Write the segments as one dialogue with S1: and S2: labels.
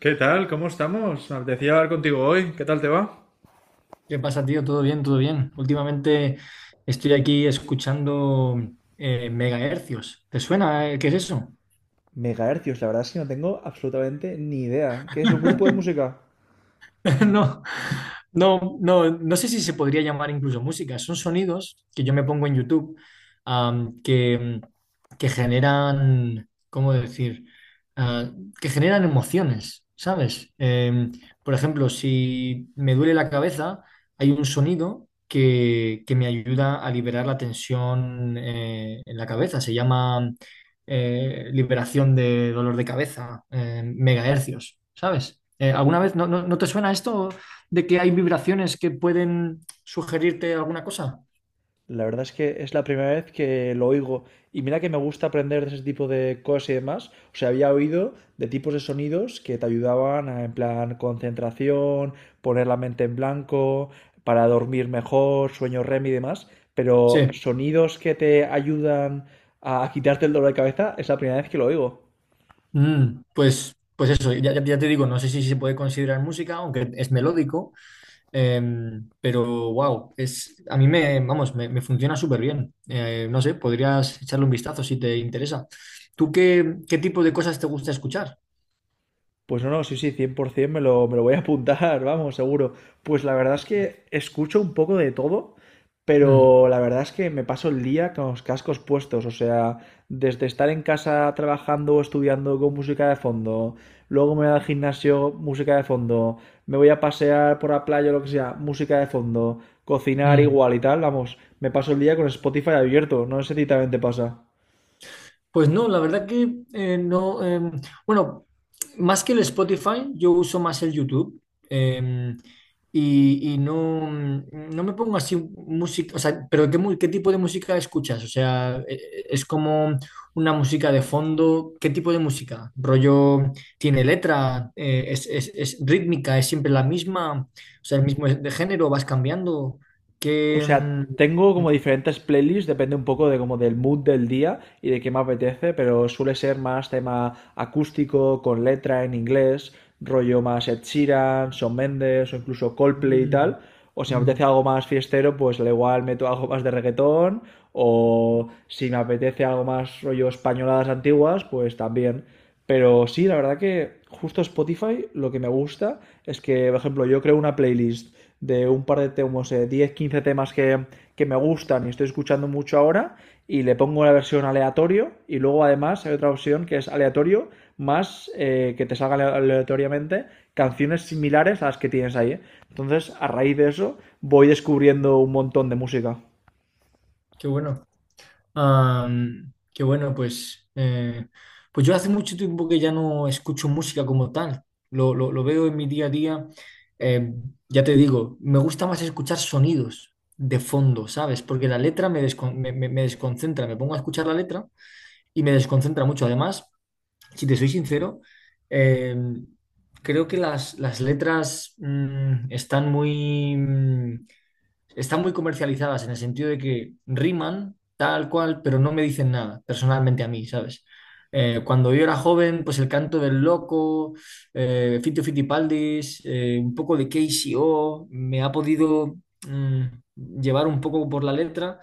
S1: ¿Qué tal? ¿Cómo estamos? Me apetecía hablar contigo hoy. ¿Qué tal te va?
S2: ¿Qué pasa, tío? ¿Todo bien? ¿Todo bien? Últimamente estoy aquí escuchando megahercios. ¿Te suena? ¿Qué es eso?
S1: Megahercios, la verdad es que no tengo absolutamente ni idea. ¿Qué es un grupo de música?
S2: No, no sé si se podría llamar incluso música. Son sonidos que yo me pongo en YouTube, am, que, que generan, ¿cómo decir? Ah, que generan emociones, ¿sabes? Por ejemplo, si me duele la cabeza, hay un sonido que me ayuda a liberar la tensión en la cabeza. Se llama liberación de dolor de cabeza, megahercios, ¿sabes? ¿Alguna vez no te suena esto de que hay vibraciones que pueden sugerirte alguna cosa?
S1: La verdad es que es la primera vez que lo oigo. Y mira que me gusta aprender de ese tipo de cosas y demás. O sea, había oído de tipos de sonidos que te ayudaban a, en plan, concentración, poner la mente en blanco, para dormir mejor, sueño REM y demás. Pero
S2: Sí.
S1: sonidos que te ayudan a quitarte el dolor de cabeza es la primera vez que lo oigo.
S2: Pues, eso, ya te digo, no sé si se puede considerar música, aunque es melódico, pero wow, a mí vamos, me funciona súper bien. No sé, podrías echarle un vistazo si te interesa. ¿Tú qué tipo de cosas te gusta escuchar?
S1: Pues no, no, sí, sí, 100% me lo voy a apuntar, vamos, seguro. Pues la verdad es que escucho un poco de todo,
S2: Mm,
S1: pero la verdad es que me paso el día con los cascos puestos, o sea, desde estar en casa trabajando o estudiando con música de fondo, luego me voy al gimnasio, música de fondo, me voy a pasear por la playa o lo que sea, música de fondo, cocinar
S2: mm.
S1: igual y tal, vamos, me paso el día con Spotify abierto, no sé si a ti también te pasa.
S2: Pues no, la verdad que no. Bueno, más que el Spotify, yo uso más el YouTube. em, y no, no me pongo así música. O sea, pero qué tipo de música escuchas? O sea, ¿es como una música de fondo? ¿Qué tipo de música? ¿Rollo tiene letra? ¿Es rítmica? ¿Es siempre la misma? O sea, el mismo es de género, vas cambiando.
S1: O
S2: ¿Qué.
S1: sea, tengo
S2: mm, mm,
S1: como diferentes playlists, depende un poco de como del mood del día y de qué me apetece, pero suele ser más tema acústico, con letra en inglés, rollo más Ed Sheeran, Shawn Mendes o incluso Coldplay y
S2: mm,
S1: tal. O si me
S2: mm,
S1: apetece algo más fiestero, pues al igual meto algo más de reggaetón. O si me apetece algo más rollo españoladas antiguas, pues también. Pero sí, la verdad que justo Spotify lo que me gusta es que, por ejemplo, yo creo una playlist de un par de temas, 10 15 temas que me gustan y estoy escuchando mucho ahora, y le pongo la versión aleatorio, y luego además hay otra opción que es aleatorio, más que te salgan aleatoriamente canciones similares a las que tienes ahí, ¿eh? Entonces, a raíz de eso, voy descubriendo un montón de música.
S2: qué bueno. Qué bueno, pues, pues yo hace mucho tiempo que ya no escucho música como tal. Lo veo en mi día a día. Eh, ya te digo, me gusta más escuchar sonidos de fondo, ¿sabes? Porque la letra me desconcentra. Me pongo a escuchar la letra y me desconcentra mucho. Además, si te soy sincero, eh, creo que las letras están están muy comercializadas en el sentido de que riman tal cual, pero no me dicen nada personalmente a mí, ¿sabes? Cuando yo era joven, pues el canto del loco, Fito Fitipaldis, un poco de K C o me ha podido llevar un poco por la letra,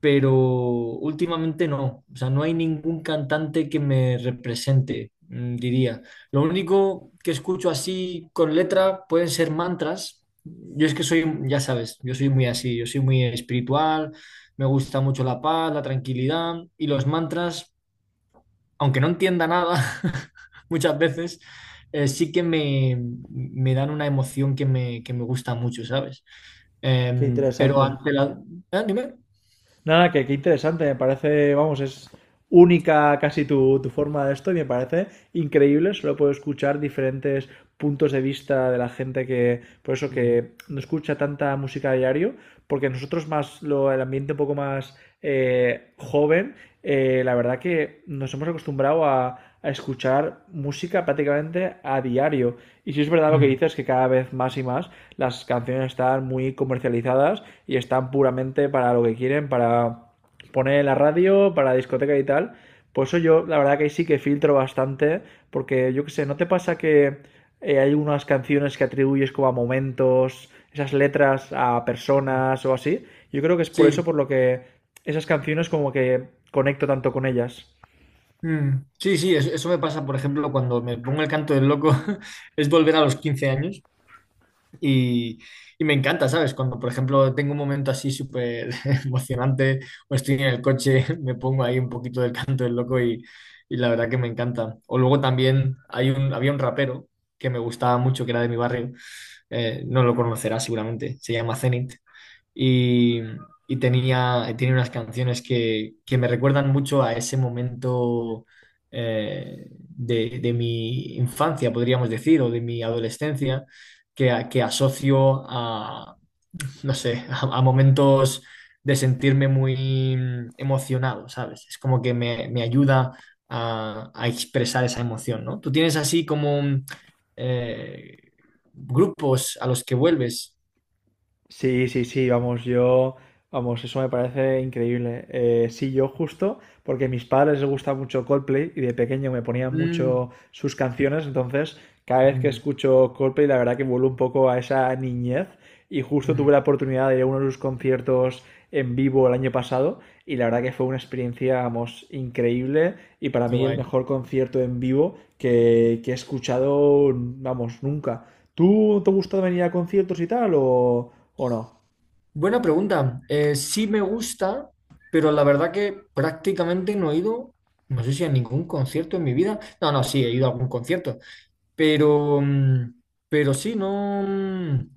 S2: pero últimamente no. O sea, no hay ningún cantante que me represente, diría. Lo único que escucho así con letra pueden ser mantras, yo es que soy, ya sabes, yo soy muy así, yo soy muy espiritual, me gusta mucho la paz, la tranquilidad y los mantras, aunque no entienda nada muchas veces, sí que me dan una emoción que que me gusta mucho, ¿sabes?
S1: Qué
S2: Em, pero
S1: interesante.
S2: ante la... ¿eh? Dime.
S1: Nada, que qué interesante, me parece, vamos, es única casi tu forma de esto y me parece increíble, solo puedo escuchar diferentes puntos de vista de la gente que, por eso que no escucha tanta música a diario, porque nosotros más, lo, el ambiente un poco más joven, la verdad que nos hemos acostumbrado a escuchar música prácticamente a diario. Y si es verdad lo que
S2: Mm.
S1: dices, que cada vez más y más las canciones están muy comercializadas y están puramente para lo que quieren, para poner en la radio, para la discoteca y tal. Por eso yo, la verdad que sí que filtro bastante, porque yo qué sé, ¿no te pasa que hay unas canciones que atribuyes como a momentos, esas letras a personas o así? Yo creo que es por eso
S2: Sí,
S1: por lo que esas canciones como que conecto tanto con ellas.
S2: sí, eso me pasa, por ejemplo, cuando me pongo el canto del loco, es volver a los 15 años, Y, y me encanta, ¿sabes? Cuando, por ejemplo, tengo un momento así súper emocionante o estoy en el coche, me pongo ahí un poquito del canto del loco y la verdad que me encanta. O luego también había un rapero que me gustaba mucho, que era de mi barrio, no lo conocerás seguramente, se llama Zenit y, tiene unas canciones que me recuerdan mucho a ese momento de mi infancia, podríamos decir, o de mi adolescencia, que asocio a, no sé, a momentos de sentirme muy emocionado, ¿sabes? Es como que me ayuda a expresar esa emoción, ¿no? Tú tienes así como eh, grupos a los que vuelves.
S1: Sí, sí, sí, vamos, vamos, eso me parece increíble. Sí, yo justo, porque a mis padres les gusta mucho Coldplay y de pequeño me ponían mucho sus canciones, entonces cada vez que
S2: Mm.
S1: escucho Coldplay la verdad que vuelvo un poco a esa niñez y justo
S2: Mm,
S1: tuve la oportunidad de ir a uno de sus conciertos en vivo el año pasado y la verdad que fue una experiencia, vamos, increíble y para
S2: qué
S1: mí el
S2: guay.
S1: mejor concierto en vivo que he escuchado, vamos, nunca. ¿Tú te gusta venir a conciertos y tal o...? ¿O no?
S2: Buena pregunta. Sí me gusta, pero la verdad que prácticamente no he ido, no sé si a ningún concierto en mi vida. No, no, sí, he ido a algún concierto, pero, pero sí, no. mm,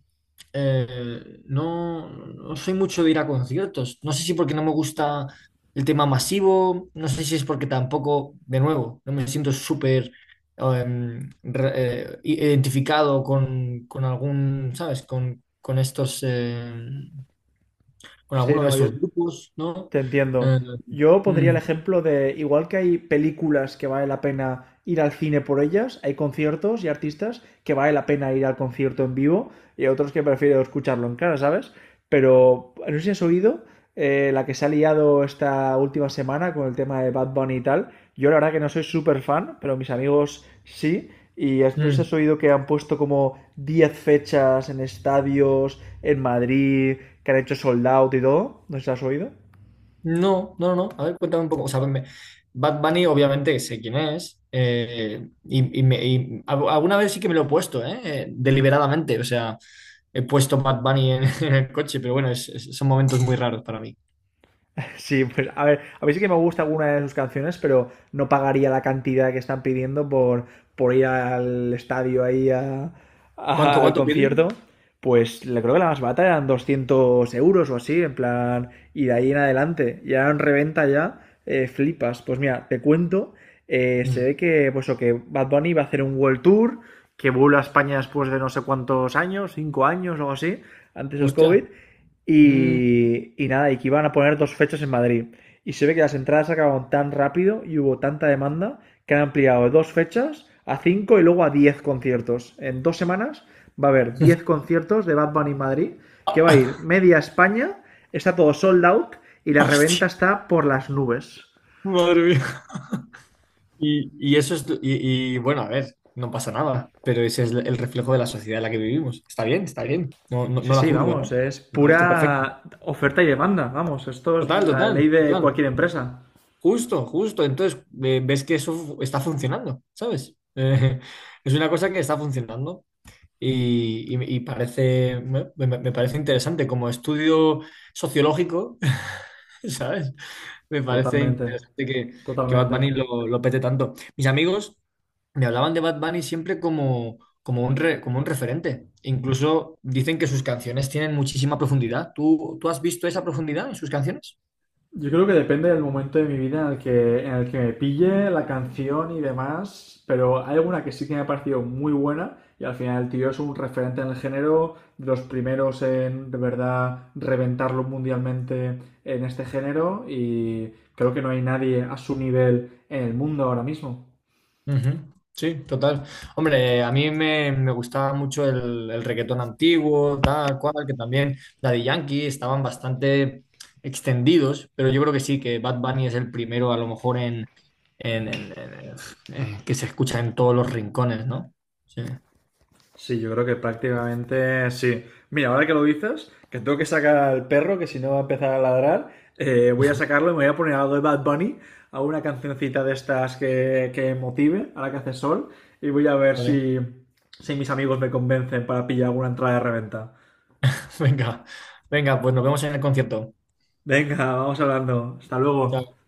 S2: eh, no, no soy mucho de ir a conciertos. No sé si porque no me gusta el tema masivo, no sé si es porque tampoco, de nuevo, no me siento súper em, re- identificado con algún, ¿sabes? Con estos, con
S1: Sí,
S2: alguno de
S1: no, yo
S2: estos grupos, ¿no?
S1: te entiendo.
S2: Eh,
S1: Yo pondría el
S2: mm,
S1: ejemplo de, igual que hay películas que vale la pena ir al cine por ellas, hay conciertos y artistas que vale la pena ir al concierto en vivo y hay otros que prefiero escucharlo en cara, ¿sabes? Pero no sé si has oído la que se ha liado esta última semana con el tema de Bad Bunny y tal. Yo la verdad que no soy súper fan, pero mis amigos sí. Y no sé si
S2: mm.
S1: has oído que han puesto como 10 fechas en estadios, en Madrid, que han hecho sold out y todo. ¿No sé si has oído?
S2: No, no, no. A ver, cuéntame un poco. Bad Bunny, obviamente, sé quién es. Alguna vez sí que me lo he puesto, ¿eh? Deliberadamente. O sea, he puesto Bad Bunny en, en el coche, pero bueno, son momentos muy raros para mí.
S1: Sí, pues a ver, a mí sí que me gusta alguna de sus canciones, pero no pagaría la cantidad que están pidiendo por ir al estadio ahí al
S2: Cuánto
S1: concierto.
S2: piden?
S1: Pues le creo que la más barata eran 200 euros o así, en plan, y de ahí en adelante. Ya en reventa ya, flipas. Pues mira, te cuento, se
S2: Mm,
S1: ve que, pues, o que Bad Bunny va a hacer un World Tour, que vuelve a España después de no sé cuántos años, 5 años o algo así, antes del COVID,
S2: hostia. Mm,
S1: y nada, y que iban a poner dos fechas en Madrid. Y se ve que las entradas se acabaron tan rápido y hubo tanta demanda que han ampliado de dos fechas a cinco y luego a 10 conciertos. En 2 semanas va a haber 10 conciertos de Bad Bunny en Madrid, que va a ir media España, está todo sold out y la
S2: hostia.
S1: reventa está por las nubes.
S2: Madre mía. Y eso es. Y, bueno, a ver, no pasa nada. Pero ese es el reflejo de la sociedad en la que vivimos. Está bien, está bien. No, no,
S1: Sí,
S2: no la
S1: sí,
S2: juzgo,
S1: vamos,
S2: ¿no?
S1: es
S2: Me parece perfecto.
S1: pura oferta y demanda, vamos, esto es
S2: Total,
S1: la ley
S2: total,
S1: de
S2: total.
S1: cualquier empresa.
S2: Justo, justo. Entonces, ves que está funcionando, ¿sabes? Es una cosa que está funcionando y, y parece, me parece interesante como estudio sociológico, ¿sabes? Me parece
S1: Totalmente,
S2: interesante que Bad
S1: totalmente.
S2: Bunny lo pete tanto. Mis amigos me hablaban de Bad Bunny siempre como, como un referente. Incluso dicen que sus canciones tienen muchísima profundidad. Tú has visto esa profundidad en sus canciones?
S1: Yo creo que depende del momento de mi vida en el que me pille la canción y demás, pero hay alguna que sí que me ha parecido muy buena y al final el tío es un referente en el género, de los primeros en de verdad reventarlo mundialmente en este género y creo que no hay nadie a su nivel en el mundo ahora mismo.
S2: Ujú, sí, total. Hombre, a mí me gustaba mucho el reggaetón antiguo, tal cual, que también Daddy Yankee estaban bastante extendidos, pero yo creo que sí, que Bad Bunny es el primero, a lo mejor, en- en- en- que se escucha en todos los rincones, ¿no? Sí.
S1: Sí, yo creo que prácticamente sí. Mira, ahora que lo dices, que tengo que sacar al perro, que si no va a empezar a ladrar, voy a sacarlo y me voy a poner algo de Bad Bunny, a una cancioncita de estas que motive, ahora que hace sol, y voy a ver
S2: Vale.
S1: si mis amigos me convencen para pillar alguna entrada de reventa.
S2: Venga, venga, pues nos vemos en el concierto.
S1: Venga, vamos hablando. Hasta luego.
S2: Chao.